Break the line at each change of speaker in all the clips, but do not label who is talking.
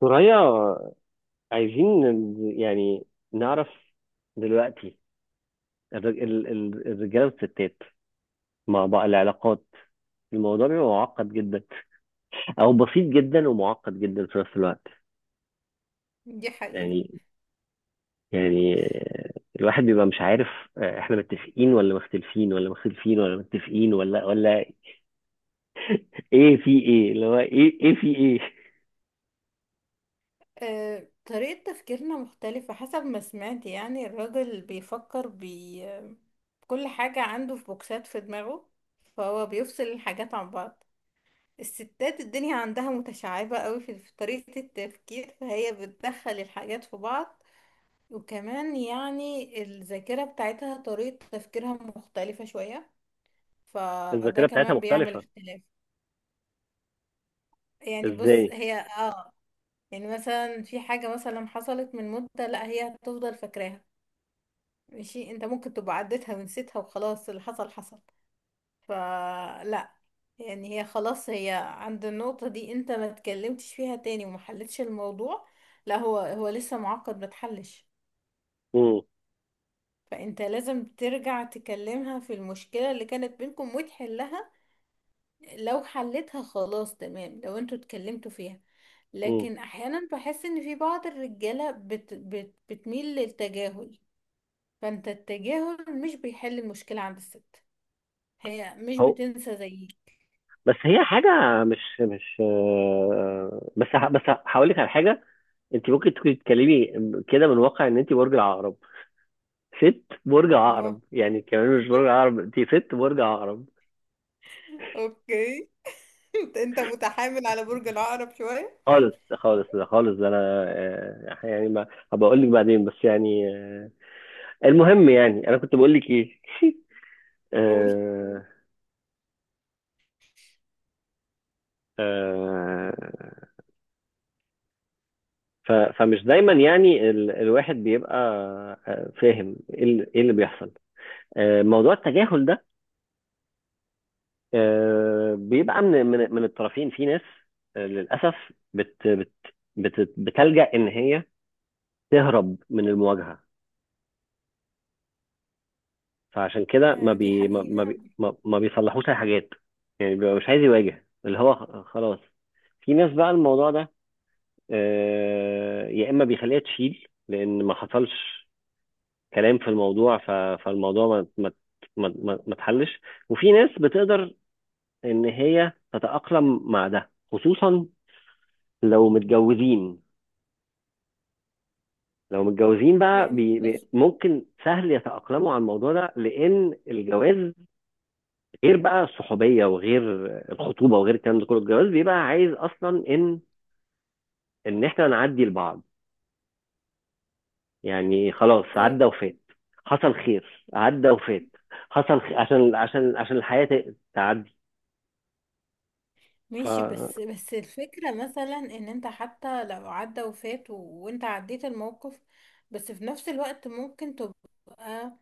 ثريا، عايزين يعني نعرف دلوقتي الرجاله والستات مع بعض العلاقات. الموضوع بيبقى معقد جدا او بسيط جدا ومعقد جدا في نفس الوقت.
دي حقيقة.
يعني يعني الواحد بيبقى مش عارف، احنا متفقين ولا مختلفين ولا مختلفين ولا متفقين ولا ايه، في ايه اللي هو ايه في ايه.
طريقة تفكيرنا مختلفة، حسب ما سمعت. يعني الراجل بيفكر، بي كل حاجة عنده في بوكسات في دماغه، فهو بيفصل الحاجات عن بعض. الستات الدنيا عندها متشعبة قوي في طريقة التفكير، فهي بتدخل الحاجات في بعض. وكمان يعني الذاكرة بتاعتها طريقة تفكيرها مختلفة شوية، فده
الذاكره بتاعتها
كمان بيعمل
مختلفه؟
اختلاف. يعني بص
ازاي؟
هي، يعني مثلا في حاجة مثلا حصلت من مدة، لا هي هتفضل فاكراها. ماشي، انت ممكن تبقى عديتها ونسيتها وخلاص اللي حصل حصل، فلا. يعني هي خلاص، هي عند النقطة دي، انت ما اتكلمتش فيها تاني وما حلتش الموضوع، لا هو لسه معقد ما اتحلش.
امم
فانت لازم ترجع تكلمها في المشكلة اللي كانت بينكم وتحلها. لو حلتها خلاص تمام، لو انتوا اتكلمتوا فيها.
امم
لكن احيانا بحس ان في بعض الرجاله بت بت بتميل للتجاهل. فانت التجاهل مش بيحل المشكلة عند الست، هي مش بتنسى زيك.
بس هي حاجة مش مش آه، بس ه- بس هقول لك على حاجة. انت ممكن تكوني تتكلمي كده من واقع ان انت برج العقرب، ست برج
الله.
عقرب، يعني كمان مش برج عقرب، انت ست برج عقرب.
اوكي. انت متحامل على برج العقرب شوية.
خالص خالص، ده انا، آه، يعني ما هبقى اقول لك بعدين، بس يعني آه، المهم، يعني انا كنت بقول لك ايه؟
قول.
آه، آه، فمش دايما يعني الواحد بيبقى فاهم ايه اللي بيحصل. موضوع التجاهل ده بيبقى من الطرفين. في ناس للاسف بت بت بت بتلجأ ان هي تهرب من المواجهه، فعشان كده ما
دي
بي ما ما
حقيقة.
بي ما ما بيصلحوش اي حاجات. يعني بيبقى مش عايز يواجه اللي هو خلاص. في ناس بقى الموضوع ده يا اما بيخليها تشيل لان ما حصلش كلام في الموضوع، فالموضوع ما اتحلش. وفي ناس بتقدر ان هي تتأقلم مع ده، خصوصا لو متجوزين. لو متجوزين بقى
يعني
بي بي
بص،
ممكن سهل يتأقلموا على الموضوع ده، لأن الجواز غير بقى الصحوبية، وغير الخطوبة، وغير الكلام ده كله. الجواز بيبقى عايز أصلا إن إحنا نعدي لبعض. يعني خلاص
آه،
عدى وفات، حصل خير عدى وفات، حصل خير، عشان عشان الحياة تعدي. ف
ماشي. بس الفكرة مثلا ان انت حتى لو عدى وفات وانت عديت الموقف، بس في نفس الوقت ممكن تبقى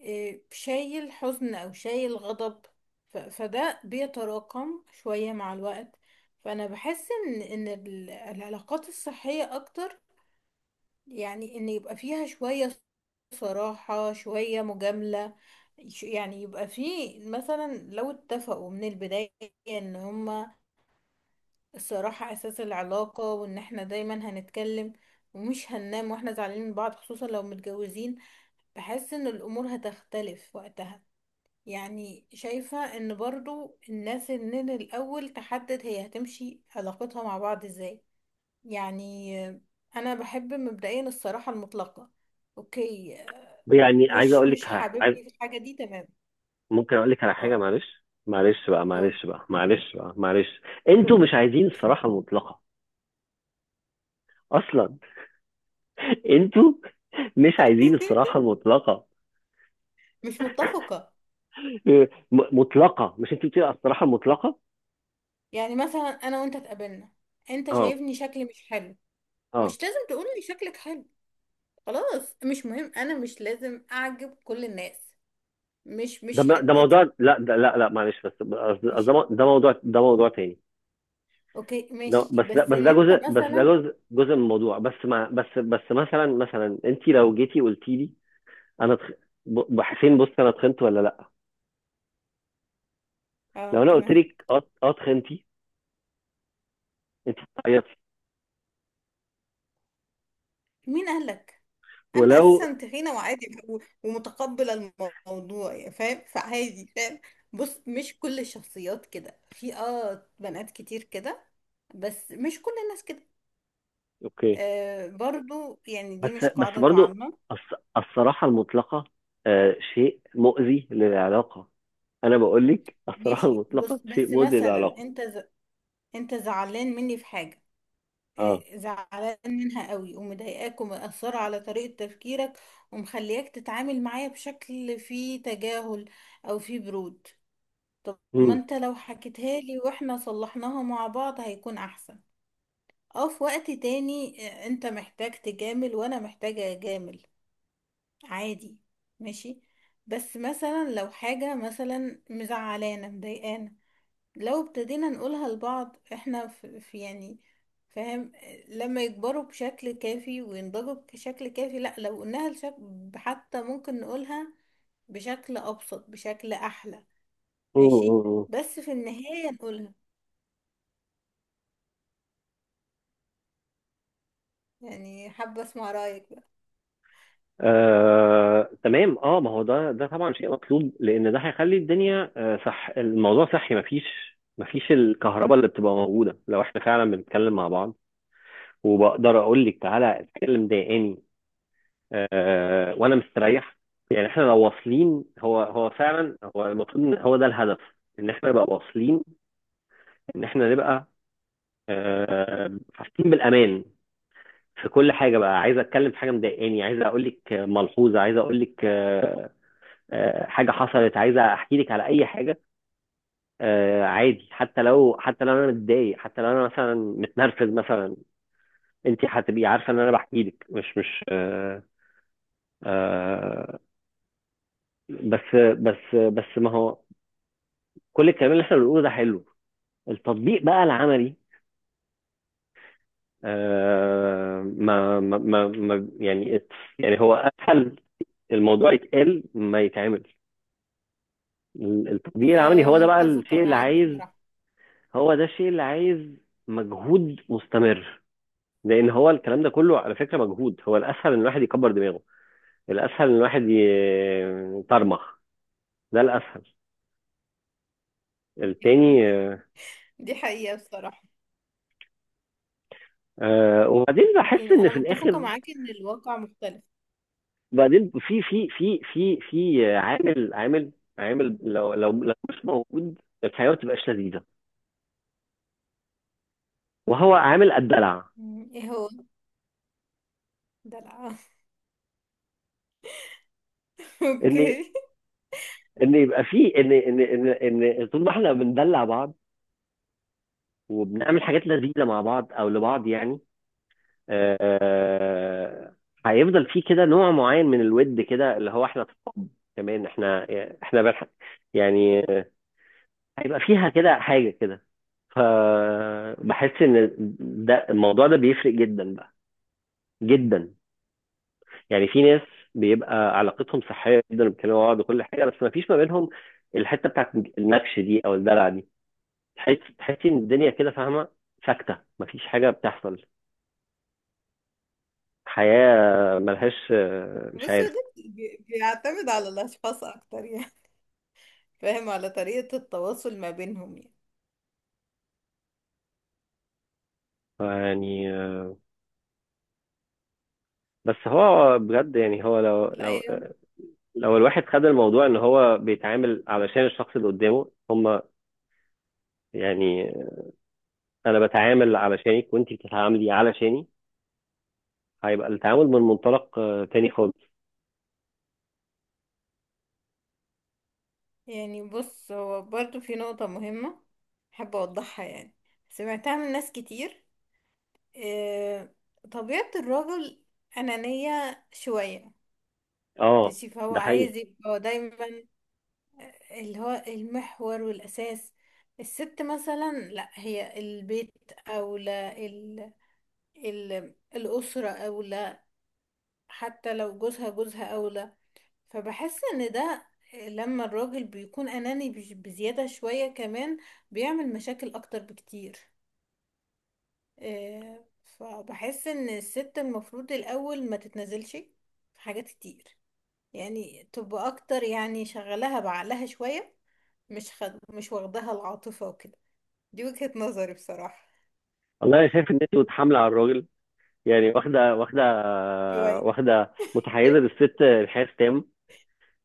إيه، شايل حزن او شايل غضب. فده بيتراكم شوية مع الوقت. فانا بحس ان العلاقات الصحية اكتر، يعني ان يبقى فيها شوية صراحة، شوية مجاملة. يعني يبقى فيه مثلا لو اتفقوا من البداية ان هما الصراحة أساس العلاقة، وإن احنا دايما هنتكلم ومش هننام واحنا زعلانين من بعض، خصوصا لو متجوزين. بحس إن الأمور هتختلف وقتها. يعني شايفة إن برضو الناس من الأول تحدد هي هتمشي علاقتها مع بعض إزاي. يعني أنا بحب مبدئيا الصراحة المطلقة. أوكي.
يعني عايز
مش
أقول لك،
مش
ح-
حاببني في
عايز
الحاجة دي، تمام.
ممكن أقول لك على حاجة.
اه،
معلش معلش بقى
اه.
معلش بقى معلش بقى معلش انتوا مش عايزين الصراحة المطلقة اصلا. انتوا مش عايزين الصراحة المطلقة.
مش متفقة.
مطلقة، مش انت بتقولي الصراحة المطلقة؟
يعني مثلا أنا وأنت اتقابلنا، أنت
اه،
شايفني شكلي مش حلو،
اه.
مش لازم تقولي شكلك حلو، خلاص مش مهم، انا مش لازم اعجب كل الناس، مش
ده
مش
م- ده موضوع،
حتتي.
لا، ده لا لا، معلش، بس ده
ماشي.
موضوع تاني.
اوكي،
ده
ماشي،
بس ده
بس
بس
ان
ده
انت
جزء بس ده
مثلا،
جزء جزء من الموضوع، بس مع بس بس مثلا انت لو جيتي قلتي لي انا حسين بص، انا اتخنت ولا لا؟
اه
لو انا قلت
تمام.
لك اه اتخنتي، انت بتعيطي،
مين قالك؟ انا
ولو
اساسا تخينه وعادي ومتقبله الموضوع، يعني فاهم، فعادي فاهم. بص، مش كل الشخصيات كده، في بنات كتير كده، بس مش كل الناس كده.
اوكي.
آه، برضو يعني دي
بس
مش
بس
قاعده
برضو،
عامه.
الصراحة المطلقة شيء مؤذي للعلاقة. انا بقول لك الصراحه
ماشي. بص،
المطلقه شيء
بس
مؤذي
مثلا
للعلاقه.
انت انت زعلان مني في حاجه،
اه.
زعلان منها قوي، ومضايقاك، ومأثرة على طريقة تفكيرك، ومخلياك تتعامل معايا بشكل فيه تجاهل أو فيه برود. طب ما
مم.
انت لو حكيتها لي واحنا صلحناها مع بعض هيكون أحسن. اه، في وقت تاني انت محتاج تجامل وانا محتاجة اجامل، عادي، ماشي. بس مثلا لو حاجة مثلا مزعلانة مضايقانا، لو ابتدينا نقولها لبعض احنا في يعني، فاهم، لما يكبروا بشكل كافي وينضجوا بشكل كافي. لا، لو قلناها لشكل حتى ممكن نقولها بشكل ابسط، بشكل احلى.
مم.
ماشي.
مم.
بس في النهاية نقولها، يعني حابة اسمع رأيك بقى.
تمام. اه، ما هو ده، ده طبعا شيء مطلوب لان ده هيخلي الدنيا صح. الموضوع صحي. مفيش الكهرباء اللي بتبقى موجوده لو احنا فعلا بنتكلم مع بعض، وبقدر اقول لك تعالى اتكلم ضايقاني وانا مستريح. يعني احنا لو واصلين، هو فعلا هو المفروض ان هو ده الهدف، ان احنا نبقى واصلين، ان احنا نبقى حاسين بالامان في كل حاجه. بقى عايز اتكلم في حاجه مضايقاني، عايز اقول لك ملحوظه، عايز اقول لك حاجه حصلت، عايز احكي لك على اي حاجه عادي. حتى لو، حتى لو انا متضايق، حتى لو انا مثلا متنرفز مثلا، انت هتبقي عارفه ان انا بحكي لك مش مش آه، آه، بس ما هو كل الكلام اللي احنا بنقوله ده حلو، التطبيق بقى العملي آه، ما ما ما ما- يعني يعني هو اسهل الموضوع يتقال ما يتعمل. التطبيق العملي
أه
هو ده بقى
متفقة
الشيء اللي
معاك
عايز،
بصراحة.
هو ده الشيء اللي عايز مجهود مستمر. لان هو الكلام ده كله على فكره مجهود. هو الاسهل ان الواحد يكبر دماغه، الاسهل ان الواحد يطرمخ، ده الاسهل. التاني
دي حقيقة بصراحة.
آه، وبعدين بحس
يعني
ان
انا
في
متفقة
الاخر
معاك ان الواقع مختلف.
بعدين في عامل، عامل لو مش موجود الحياه ما تبقاش لذيذه، وهو عامل الدلع.
مم، ايه هو؟ دلع.
ان
اوكي.
ان يبقى في، ان طول ما احنا بندلع بعض وبنعمل حاجات لذيذه مع بعض او لبعض، يعني آه، هيفضل في كده نوع معين من الود كده، اللي هو احنا صحاب، كمان احنا، احنا بنح- يعني آه، هيبقى فيها كده حاجه كده. فبحس ان الموضوع ده بيفرق جدا بقى، جدا. يعني في ناس بيبقى علاقتهم صحيه جدا، بيتكلموا مع بعض وكل حاجه، بس ما فيش ما بينهم الحته بتاعت النكش دي او الدلع دي. تحسي ان الدنيا كده فاهمه ساكته، مفيش حاجه بتحصل، حياة ملهاش. مش
بص هو
عارف.
ده بيعتمد على الاشخاص اكتر، يعني فاهم، على طريقة التواصل ما بينهم، يعني.
يعني بس هو بجد، يعني هو
لا
لو الواحد خد الموضوع ان هو بيتعامل علشان الشخص اللي قدامه، هما يعني، انا بتعامل علشانك وانتي بتتعاملي علشاني، هيبقى التعامل من منطلق تاني خالص.
يعني بص، هو برضو في نقطة مهمة حابة أوضحها، يعني سمعتها من ناس كتير. آه، طبيعة الراجل أنانية شوية.
اه
ماشي، فهو
ده
عايز
حقيقي.
يبقى دايما اللي هو المحور والأساس. الست مثلا لا، هي البيت أولى، الأسرة أولى، حتى لو جوزها، جوزها أولى. فبحس ان ده لما الراجل بيكون اناني بزيادة شوية كمان بيعمل مشاكل اكتر بكتير. فبحس ان الست المفروض الاول ما تتنازلش في حاجات كتير، يعني تبقى اكتر، يعني شغلها بعقلها شوية، مش مش واخدها العاطفة وكده. دي وجهة نظري بصراحة.
والله انا شايف ان انت متحامله على الراجل يعني، واخده
شوية.
واخده متحيزه للست. الحياه تام،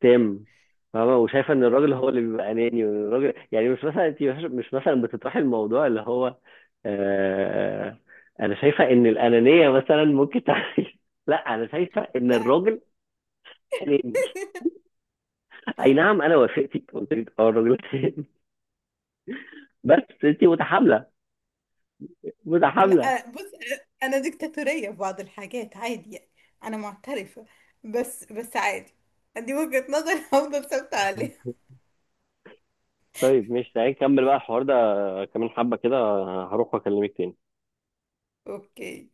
تام. فاهمة وشايفة ان الراجل هو اللي بيبقى اناني، وان الراجل يعني مش مثلا، انت مش مش مثلا بتطرحي الموضوع اللي هو آه انا شايفة ان الانانية مثلا ممكن تعمل، لا انا شايفة ان
لا،
الراجل اناني. اي نعم، انا وافقتك، قلت لك اه الراجل اناني، بس انت متحاملة.
لا، بص، انا ديكتاتورية في بعض الحاجات، عادي يعني، انا معترفة. بس عادي، دي وجهة نظر. هفضل ثابتة عليها.
طيب ماشي، تعالى نكمل بقى الحوار ده كمان حبة كده. هروح واكلمك تاني.
اوكي.